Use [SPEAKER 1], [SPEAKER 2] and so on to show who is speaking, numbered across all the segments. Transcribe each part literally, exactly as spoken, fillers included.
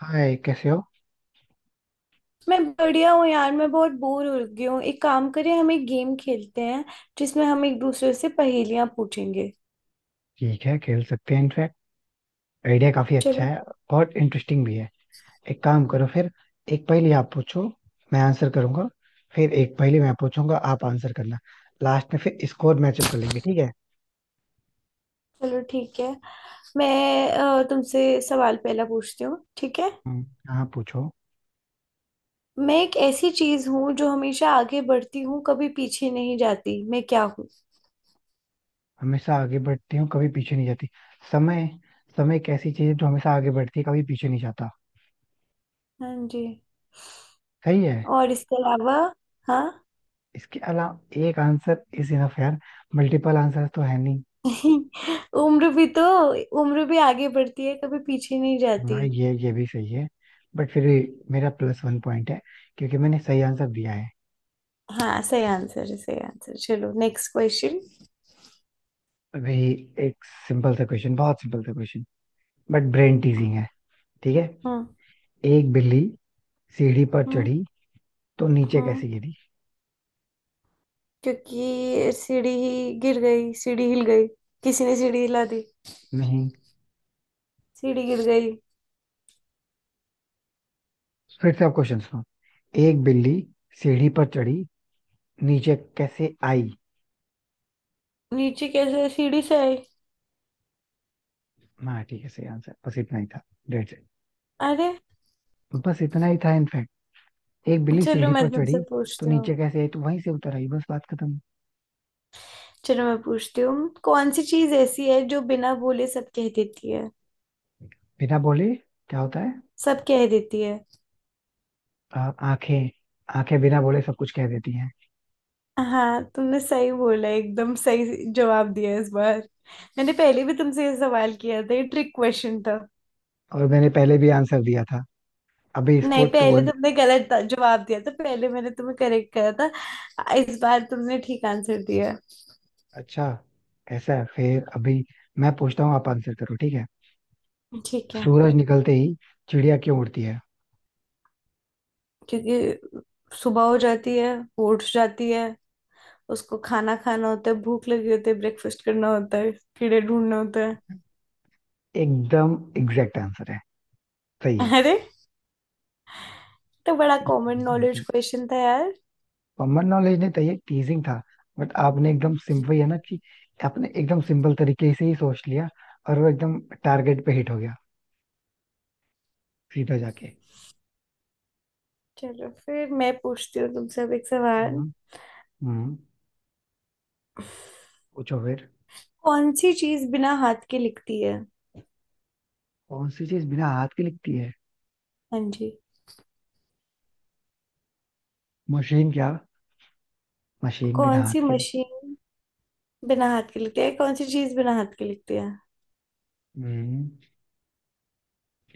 [SPEAKER 1] हाय, कैसे हो?
[SPEAKER 2] मैं बढ़िया हूँ यार। मैं बहुत बोर हो गई हूँ। एक काम करें, हम एक गेम खेलते हैं जिसमें हम एक दूसरे से पहेलियां पूछेंगे।
[SPEAKER 1] ठीक है, खेल सकते हैं। इनफैक्ट आइडिया काफी अच्छा
[SPEAKER 2] चलो
[SPEAKER 1] है और इंटरेस्टिंग भी है। एक काम करो फिर, एक पहेली आप पूछो, मैं आंसर करूंगा। फिर एक पहेली मैं पूछूंगा, आप आंसर करना। लास्ट में फिर स्कोर मैचअप कर लेंगे, ठीक है।
[SPEAKER 2] चलो ठीक है। मैं अ, तुमसे सवाल पहला पूछती हूँ, ठीक है।
[SPEAKER 1] हम्म, हाँ, पूछो।
[SPEAKER 2] मैं एक ऐसी चीज हूँ जो हमेशा आगे बढ़ती हूँ, कभी पीछे नहीं जाती। मैं क्या हूँ?
[SPEAKER 1] हमेशा आगे बढ़ती हूँ, कभी पीछे नहीं जाती। समय। समय एक ऐसी चीज है जो हमेशा आगे बढ़ती है, कभी पीछे नहीं जाता।
[SPEAKER 2] हाँ जी।
[SPEAKER 1] सही है।
[SPEAKER 2] और इसके अलावा हाँ
[SPEAKER 1] इसके अलावा एक आंसर इज इनफ, यार। मल्टीपल आंसर तो है नहीं।
[SPEAKER 2] उम्र भी तो। उम्र भी आगे बढ़ती है, कभी पीछे नहीं जाती।
[SPEAKER 1] हाँ, ये ये भी सही है। बट फिर भी मेरा प्लस वन पॉइंट है, क्योंकि मैंने सही आंसर दिया है।
[SPEAKER 2] हाँ, सही आंसर है, सही आंसर। चलो नेक्स्ट क्वेश्चन।
[SPEAKER 1] अभी एक सिंपल सा क्वेश्चन, बहुत सिंपल सा क्वेश्चन, बट ब्रेन टीजिंग है। ठीक है।
[SPEAKER 2] हम्म
[SPEAKER 1] एक बिल्ली सीढ़ी पर
[SPEAKER 2] हम्म।
[SPEAKER 1] चढ़ी, तो नीचे
[SPEAKER 2] हम्म
[SPEAKER 1] कैसे गिरी?
[SPEAKER 2] क्योंकि सीढ़ी ही गिर गई, सीढ़ी हिल गई। किसी ने सीढ़ी हिला दी,
[SPEAKER 1] नहीं।
[SPEAKER 2] सीढ़ी गिर गई।
[SPEAKER 1] फिर से आप क्वेश्चन सुनो। एक बिल्ली सीढ़ी पर चढ़ी, नीचे कैसे आई?
[SPEAKER 2] नीचे कैसे सीढ़ी से आई।
[SPEAKER 1] हाँ, ठीक है, सही आंसर, बस इतना ही था। That's it.
[SPEAKER 2] अरे,
[SPEAKER 1] बस इतना ही था इनफैक्ट। एक बिल्ली
[SPEAKER 2] चलो
[SPEAKER 1] सीढ़ी
[SPEAKER 2] मैं
[SPEAKER 1] पर
[SPEAKER 2] तुमसे
[SPEAKER 1] चढ़ी, तो
[SPEAKER 2] पूछती हूँ।
[SPEAKER 1] नीचे कैसे आई, तो वहीं से उतर आई, बस बात खत्म।
[SPEAKER 2] चलो मैं पूछती हूँ, कौन सी चीज ऐसी है जो बिना बोले सब कह देती है।
[SPEAKER 1] बिना बोले क्या होता है?
[SPEAKER 2] सब कह देती है।
[SPEAKER 1] आ- आंखें। आंखें बिना बोले सब कुछ कह देती हैं।
[SPEAKER 2] हाँ, तुमने सही बोला, एकदम सही जवाब दिया इस बार। मैंने पहले भी तुमसे ये सवाल किया था, ये ट्रिक क्वेश्चन था।
[SPEAKER 1] और मैंने पहले भी आंसर दिया था। अभी इसको
[SPEAKER 2] नहीं,
[SPEAKER 1] टू
[SPEAKER 2] पहले
[SPEAKER 1] वन।
[SPEAKER 2] तुमने गलत ता- जवाब दिया था, पहले मैंने तुम्हें करेक्ट करा था, इस बार तुमने ठीक आंसर दिया।
[SPEAKER 1] अच्छा, ऐसा है फिर। अभी मैं पूछता हूँ, आप आंसर करो, ठीक है।
[SPEAKER 2] ठीक है।
[SPEAKER 1] सूरज निकलते ही चिड़िया क्यों उड़ती है?
[SPEAKER 2] क्योंकि सुबह हो जाती है, वो उठ जाती है, उसको खाना खाना होता है, भूख लगी होती है, ब्रेकफास्ट करना होता है, कीड़े ढूंढने होते हैं।
[SPEAKER 1] एकदम एग्जैक्ट आंसर है। सही है।
[SPEAKER 2] अरे, तो बड़ा कॉमन नॉलेज क्वेश्चन था यार।
[SPEAKER 1] कॉमन नॉलेज नहीं था, ये टीजिंग था। बट आपने एकदम सिंपल है ना कि, आपने एकदम सिंपल तरीके से ही सोच लिया और वो एकदम टारगेट पे हिट हो गया, सीधा जाके।
[SPEAKER 2] चलो फिर मैं पूछती हूँ तुमसे अब एक सवाल।
[SPEAKER 1] हम्म। हम्म। पूछो फिर।
[SPEAKER 2] कौन सी चीज बिना हाथ के लिखती है?
[SPEAKER 1] कौन सी चीज बिना हाथ के लिखती है?
[SPEAKER 2] हाँ जी।
[SPEAKER 1] मशीन क्या? मशीन बिना
[SPEAKER 2] कौन सी
[SPEAKER 1] हाथ के।
[SPEAKER 2] मशीन बिना हाथ के लिखती है? कौन सी चीज बिना हाथ के लिखती है?
[SPEAKER 1] हम्म।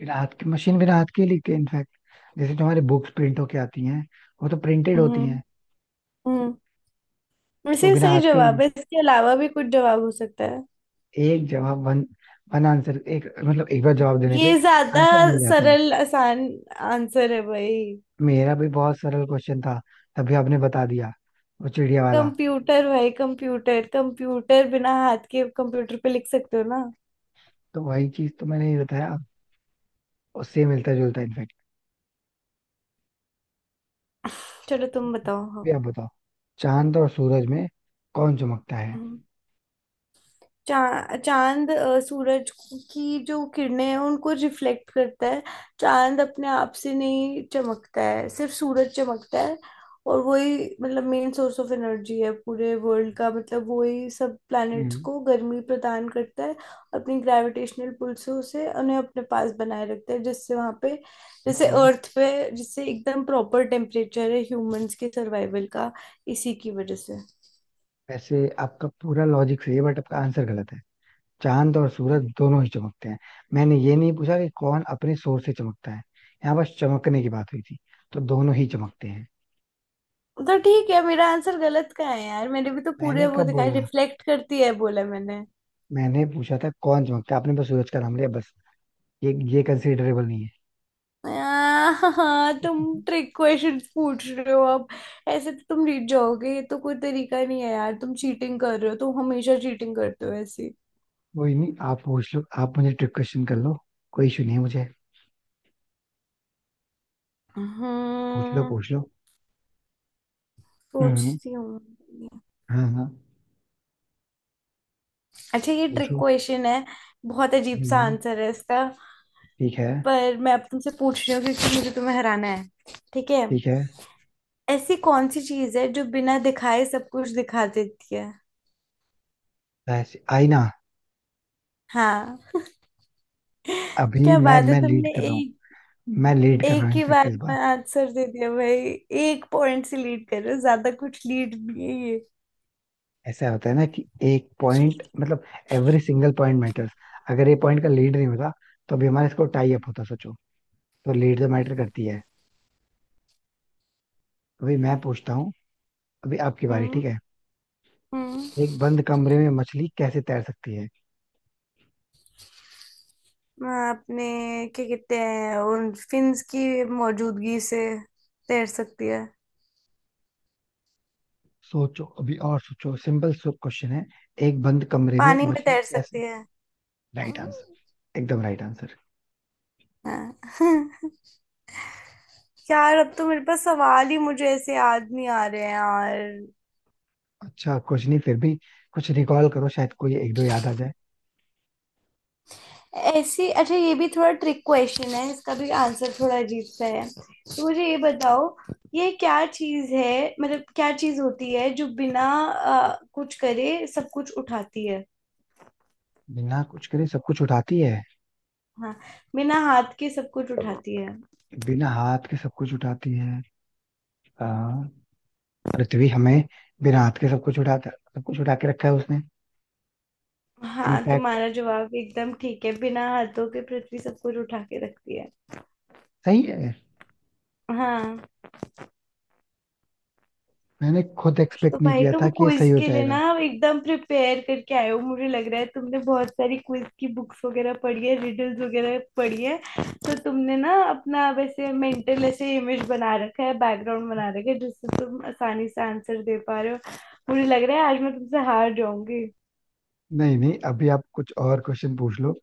[SPEAKER 1] बिना हाथ के, मशीन बिना हाथ के ही लिखते हैं इनफैक्ट। जैसे जो हमारी बुक्स प्रिंट होके आती हैं, वो तो प्रिंटेड होती
[SPEAKER 2] हम्म।
[SPEAKER 1] हैं।
[SPEAKER 2] हम्म वैसे
[SPEAKER 1] तो
[SPEAKER 2] ये
[SPEAKER 1] बिना
[SPEAKER 2] सही
[SPEAKER 1] हाथ के
[SPEAKER 2] जवाब
[SPEAKER 1] ही
[SPEAKER 2] है, इसके अलावा भी कुछ जवाब हो सकता है।
[SPEAKER 1] एक जवाब, वन, वन आंसर, एक मतलब एक बार जवाब देने पे
[SPEAKER 2] ये ज्यादा
[SPEAKER 1] आंसर मिल जाता है।
[SPEAKER 2] सरल आसान आंसर है भाई।
[SPEAKER 1] मेरा भी बहुत सरल क्वेश्चन था, तभी आपने बता दिया, वो चिड़िया वाला।
[SPEAKER 2] कंप्यूटर भाई, कंप्यूटर कंप्यूटर बिना हाथ के कंप्यूटर पे लिख सकते हो ना।
[SPEAKER 1] तो वही चीज तो मैंने ही बताया, उससे मिलता जुलता इनफैक्ट।
[SPEAKER 2] चलो तुम बताओ।
[SPEAKER 1] भी
[SPEAKER 2] हाँ
[SPEAKER 1] आप बताओ। चांद और सूरज में कौन चमकता है?
[SPEAKER 2] हाँ। चा, चांद अ, सूरज की जो किरणें हैं उनको रिफ्लेक्ट करता है। चांद अपने आप से नहीं चमकता है, सिर्फ सूरज चमकता है। और वही मतलब मेन सोर्स ऑफ एनर्जी है पूरे वर्ल्ड का, मतलब वही सब प्लैनेट्स
[SPEAKER 1] हम्म।
[SPEAKER 2] को गर्मी प्रदान करता है, अपनी ग्रेविटेशनल पुल से उसे उन्हें अपने पास बनाए रखता है। जिससे वहाँ पे, जैसे
[SPEAKER 1] हाँ।
[SPEAKER 2] अर्थ पे, जिससे एकदम प्रॉपर टेम्परेचर है ह्यूमंस के सर्वाइवल का, इसी की वजह से।
[SPEAKER 1] वैसे आपका पूरा लॉजिक सही है, बट आपका आंसर गलत है। चांद और सूरज दोनों ही चमकते हैं। मैंने ये नहीं पूछा कि कौन अपने सोर से चमकता है, यहाँ बस चमकने की बात हुई थी, तो दोनों ही चमकते हैं।
[SPEAKER 2] तो ठीक है, मेरा आंसर गलत का है यार, मैंने भी तो पूरे
[SPEAKER 1] मैंने
[SPEAKER 2] वो
[SPEAKER 1] कब
[SPEAKER 2] दिखाई
[SPEAKER 1] बोला?
[SPEAKER 2] रिफ्लेक्ट करती है बोला मैंने।
[SPEAKER 1] मैंने पूछा था कौन चमकता है, आपने बस सूरज का नाम लिया, बस। ये ये कंसिडरेबल नहीं है।
[SPEAKER 2] हाँ, तुम ट्रिक क्वेश्चन पूछ रहे हो अब। ऐसे तो तुम जीत जाओगे, ये तो कोई तरीका नहीं है यार, तुम चीटिंग कर रहे हो, तुम हमेशा चीटिंग करते हो ऐसी।
[SPEAKER 1] कोई नहीं, आप पूछ लो, आप मुझे ट्रिक क्वेश्चन कर लो, कोई इशू नहीं है मुझे। पूछ लो,
[SPEAKER 2] हम्म।
[SPEAKER 1] पूछ लो। हम्म।
[SPEAKER 2] सोचती हूँ।
[SPEAKER 1] हाँ, हाँ।
[SPEAKER 2] अच्छा, ये ट्रिक
[SPEAKER 1] पूछो।
[SPEAKER 2] क्वेश्चन है, बहुत अजीब सा
[SPEAKER 1] हम्म।
[SPEAKER 2] आंसर है इसका।
[SPEAKER 1] ठीक है।
[SPEAKER 2] पर मैं अब तुमसे पूछ रही हूँ क्योंकि मुझे तुम्हें हराना है, ठीक है।
[SPEAKER 1] ठीक है।
[SPEAKER 2] ऐसी कौन सी चीज है जो बिना दिखाए सब कुछ दिखा देती है?
[SPEAKER 1] वैसे आईना।
[SPEAKER 2] हाँ,
[SPEAKER 1] अभी
[SPEAKER 2] क्या
[SPEAKER 1] मैं
[SPEAKER 2] बात है,
[SPEAKER 1] मैं लीड
[SPEAKER 2] तुमने
[SPEAKER 1] कर रहा हूँ।
[SPEAKER 2] एक
[SPEAKER 1] मैं लीड कर रहा हूँ
[SPEAKER 2] एक ही
[SPEAKER 1] इनफैक्ट
[SPEAKER 2] बार
[SPEAKER 1] इस
[SPEAKER 2] में
[SPEAKER 1] बार।
[SPEAKER 2] आंसर दे दिया भाई। एक पॉइंट से लीड कर रहे हो, ज्यादा कुछ लीड नहीं है ये।
[SPEAKER 1] ऐसा होता है ना कि एक पॉइंट मतलब एवरी सिंगल पॉइंट मैटर्स। अगर ये पॉइंट का लीड नहीं होता, तो अभी हमारा स्कोर टाई अप होता, सोचो। तो लीड तो मैटर करती है। अभी मैं पूछता हूँ, अभी आपकी बारी,
[SPEAKER 2] हम्म
[SPEAKER 1] ठीक है।
[SPEAKER 2] हम्म
[SPEAKER 1] एक बंद कमरे में मछली कैसे तैर सकती है?
[SPEAKER 2] आपने क्या कहते हैं उन फिन्स की मौजूदगी से तैर सकती है।
[SPEAKER 1] सोचो अभी और सोचो, सिंपल क्वेश्चन है। एक बंद कमरे में
[SPEAKER 2] पानी में
[SPEAKER 1] मछली
[SPEAKER 2] तैर
[SPEAKER 1] कैसे?
[SPEAKER 2] सकती है।
[SPEAKER 1] राइट आंसर, एकदम राइट आंसर।
[SPEAKER 2] हाँ यार, अब तो मेरे पास सवाल ही मुझे ऐसे याद नहीं आ रहे हैं यार।
[SPEAKER 1] अच्छा कुछ नहीं, फिर भी कुछ रिकॉल करो, शायद कोई एक दो याद आ जाए।
[SPEAKER 2] ऐसी अच्छा, ये भी थोड़ा ट्रिक क्वेश्चन है, इसका भी आंसर थोड़ा अजीब सा है, तो मुझे ये बताओ, ये क्या चीज है, मतलब क्या चीज होती है जो बिना अ, कुछ करे सब कुछ उठाती है।
[SPEAKER 1] बिना कुछ करे सब कुछ उठाती है,
[SPEAKER 2] हाँ, बिना हाथ के सब कुछ उठाती है।
[SPEAKER 1] बिना हाथ के सब कुछ उठाती है। आ, पृथ्वी हमें बिना हाथ के सब कुछ उठाता, सब कुछ उठा के रखा है उसने।
[SPEAKER 2] हाँ,
[SPEAKER 1] इनफैक्ट
[SPEAKER 2] तुम्हारा जवाब एकदम ठीक है, बिना हाथों के पृथ्वी सब कुछ उठा के रखती है।
[SPEAKER 1] सही है।
[SPEAKER 2] हाँ,
[SPEAKER 1] मैंने खुद
[SPEAKER 2] आज तो
[SPEAKER 1] एक्सपेक्ट नहीं
[SPEAKER 2] भाई
[SPEAKER 1] किया था
[SPEAKER 2] तुम
[SPEAKER 1] कि ये
[SPEAKER 2] क्विज
[SPEAKER 1] सही हो
[SPEAKER 2] के लिए ना
[SPEAKER 1] जाएगा।
[SPEAKER 2] एकदम प्रिपेयर करके आए हो, मुझे लग रहा है तुमने बहुत सारी क्विज की बुक्स वगैरह पढ़ी है, रिडल्स वगैरह पढ़ी है। तो तुमने ना अपना, वैसे मेंटल ऐसे इमेज बना रखा है, बैकग्राउंड बना रखा है, जिससे तुम आसानी से आंसर दे पा रहे हो। मुझे लग रहा है आज मैं तुमसे हार जाऊंगी।
[SPEAKER 1] नहीं, नहीं, अभी आप कुछ और क्वेश्चन पूछ लो,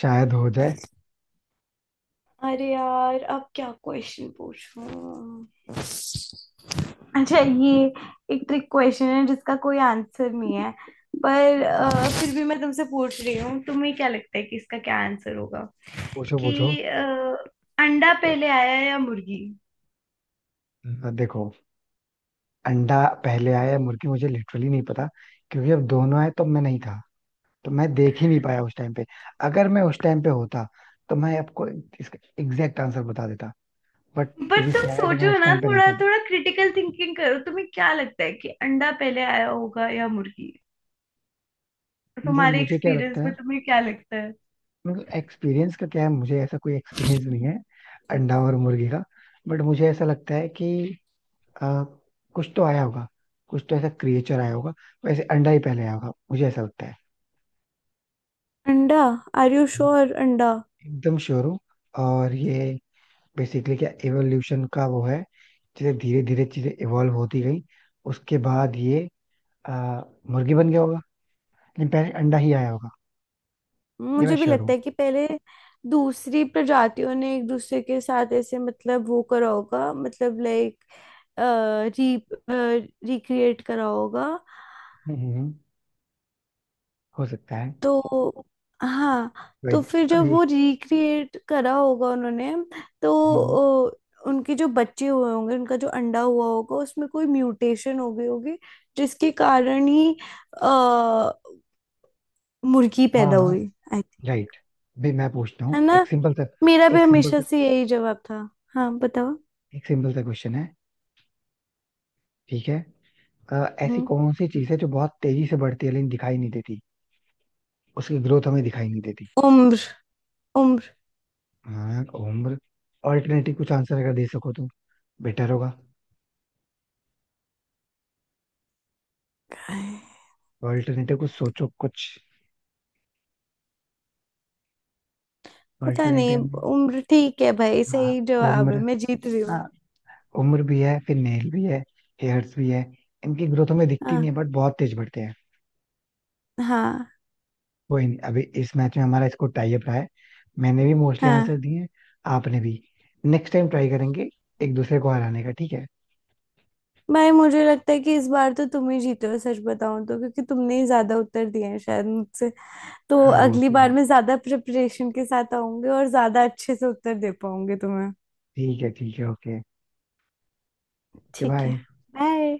[SPEAKER 1] शायद हो जाए।
[SPEAKER 2] अरे यार, अब क्या क्वेश्चन पूछूं। अच्छा ये, एक ट्रिक क्वेश्चन है जिसका कोई आंसर नहीं है, पर अ,
[SPEAKER 1] हाँ,
[SPEAKER 2] फिर भी मैं तुमसे पूछ रही हूँ, तुम्हें क्या लगता है कि इसका क्या आंसर होगा।
[SPEAKER 1] पूछो, पूछो।
[SPEAKER 2] कि अ, अंडा पहले आया या मुर्गी?
[SPEAKER 1] अ, देखो, अंडा पहले आया या मुर्गी, मुझे लिटरली नहीं पता, क्योंकि जब दोनों आए तो मैं नहीं था, तो मैं देख ही नहीं पाया उस टाइम पे। अगर मैं उस टाइम पे होता, तो मैं आपको इसका एग्जैक्ट आंसर बता देता। बट टू
[SPEAKER 2] पर
[SPEAKER 1] बी
[SPEAKER 2] तुम
[SPEAKER 1] सैड, मैं
[SPEAKER 2] सोचो
[SPEAKER 1] उस
[SPEAKER 2] ना,
[SPEAKER 1] टाइम पे नहीं
[SPEAKER 2] थोड़ा
[SPEAKER 1] था।
[SPEAKER 2] थोड़ा क्रिटिकल थिंकिंग करो, तुम्हें क्या लगता है कि अंडा पहले आया होगा या मुर्गी?
[SPEAKER 1] मतलब
[SPEAKER 2] तुम्हारे
[SPEAKER 1] मुझे क्या लगता
[SPEAKER 2] एक्सपीरियंस
[SPEAKER 1] है?
[SPEAKER 2] में तुम्हें क्या लगता है?
[SPEAKER 1] मतलब एक्सपीरियंस का क्या है, मुझे ऐसा कोई एक्सपीरियंस नहीं है अंडा और मुर्गी का। बट मुझे ऐसा लगता है कि अ, कुछ तो आया होगा, कुछ तो ऐसा क्रिएचर आया होगा। वैसे अंडा ही पहले आया होगा, मुझे ऐसा लगता है।
[SPEAKER 2] अंडा? आर यू श्योर अंडा?
[SPEAKER 1] एकदम श्योर हूँ। और ये बेसिकली क्या एवोल्यूशन का वो है, जैसे धीरे धीरे चीजें इवॉल्व होती गई, उसके बाद ये अ, मुर्गी बन गया होगा। लेकिन पहले अंडा ही आया होगा, ये मैं
[SPEAKER 2] मुझे भी
[SPEAKER 1] श्योर हूँ।
[SPEAKER 2] लगता है कि पहले दूसरी प्रजातियों ने एक दूसरे के साथ ऐसे, मतलब वो करा होगा, मतलब लाइक री रिक्रिएट करा होगा,
[SPEAKER 1] हम्म, हम्म, हो सकता है।
[SPEAKER 2] तो। हाँ, तो
[SPEAKER 1] वही।
[SPEAKER 2] फिर जब
[SPEAKER 1] अभी।
[SPEAKER 2] वो रिक्रिएट करा होगा उन्होंने,
[SPEAKER 1] हम्म।
[SPEAKER 2] तो अ, उनके जो बच्चे हुए होंगे, उनका जो अंडा हुआ होगा उसमें कोई म्यूटेशन हो गई होगी, जिसके कारण ही अ, मुर्गी
[SPEAKER 1] हाँ,
[SPEAKER 2] पैदा
[SPEAKER 1] हाँ।
[SPEAKER 2] हुई।
[SPEAKER 1] राइट। भाई मैं पूछता
[SPEAKER 2] है
[SPEAKER 1] हूँ
[SPEAKER 2] ना,
[SPEAKER 1] एक सिंपल सा,
[SPEAKER 2] मेरा भी
[SPEAKER 1] एक सिंपल
[SPEAKER 2] हमेशा
[SPEAKER 1] सा,
[SPEAKER 2] से यही जवाब था। हाँ बताओ।
[SPEAKER 1] एक सिंपल सा क्वेश्चन है, ठीक है। अ, ऐसी
[SPEAKER 2] हम्म।
[SPEAKER 1] कौन सी चीज है जो बहुत तेजी से बढ़ती है लेकिन दिखाई नहीं देती? उसकी ग्रोथ हमें दिखाई नहीं देती।
[SPEAKER 2] उम्र। उम्र
[SPEAKER 1] हाँ, उम्र। ऑल्टरनेटिव कुछ आंसर अगर दे सको तो बेटर होगा।
[SPEAKER 2] क्या है?
[SPEAKER 1] ऑल्टरनेटिव कुछ सोचो, कुछ
[SPEAKER 2] पता नहीं।
[SPEAKER 1] ऑल्टरनेटिव में।
[SPEAKER 2] उम्र ठीक है भाई,
[SPEAKER 1] हाँ,
[SPEAKER 2] सही जवाब
[SPEAKER 1] उम्र।
[SPEAKER 2] है, मैं जीत रही
[SPEAKER 1] हाँ,
[SPEAKER 2] हूँ।
[SPEAKER 1] उम्र भी है फिर, नेल भी है, हेयर्स भी है। इनकी ग्रोथ हमें दिखती
[SPEAKER 2] हाँ
[SPEAKER 1] नहीं है, बट बहुत तेज बढ़ते हैं।
[SPEAKER 2] हाँ
[SPEAKER 1] कोई नहीं, अभी इस मैच में हमारा स्कोर टाई अप रहा है, मैंने भी मोस्टली
[SPEAKER 2] हाँ।
[SPEAKER 1] आंसर दिए हैं, आपने भी। नेक्स्ट टाइम ट्राई करेंगे एक दूसरे को हराने का, ठीक है।
[SPEAKER 2] भाई मुझे लगता है कि इस बार तो तुम ही जीते हो, सच बताऊं तो, क्योंकि तुमने ही ज्यादा उत्तर दिए हैं शायद मुझसे। तो
[SPEAKER 1] हाँ, वो
[SPEAKER 2] अगली
[SPEAKER 1] तो
[SPEAKER 2] बार
[SPEAKER 1] है।
[SPEAKER 2] मैं ज्यादा प्रिपरेशन के साथ आऊंगी और ज्यादा अच्छे से उत्तर दे पाऊंगी तुम्हें।
[SPEAKER 1] ठीक है, ठीक है, ओके। ओके,
[SPEAKER 2] ठीक है,
[SPEAKER 1] बाय।
[SPEAKER 2] बाय।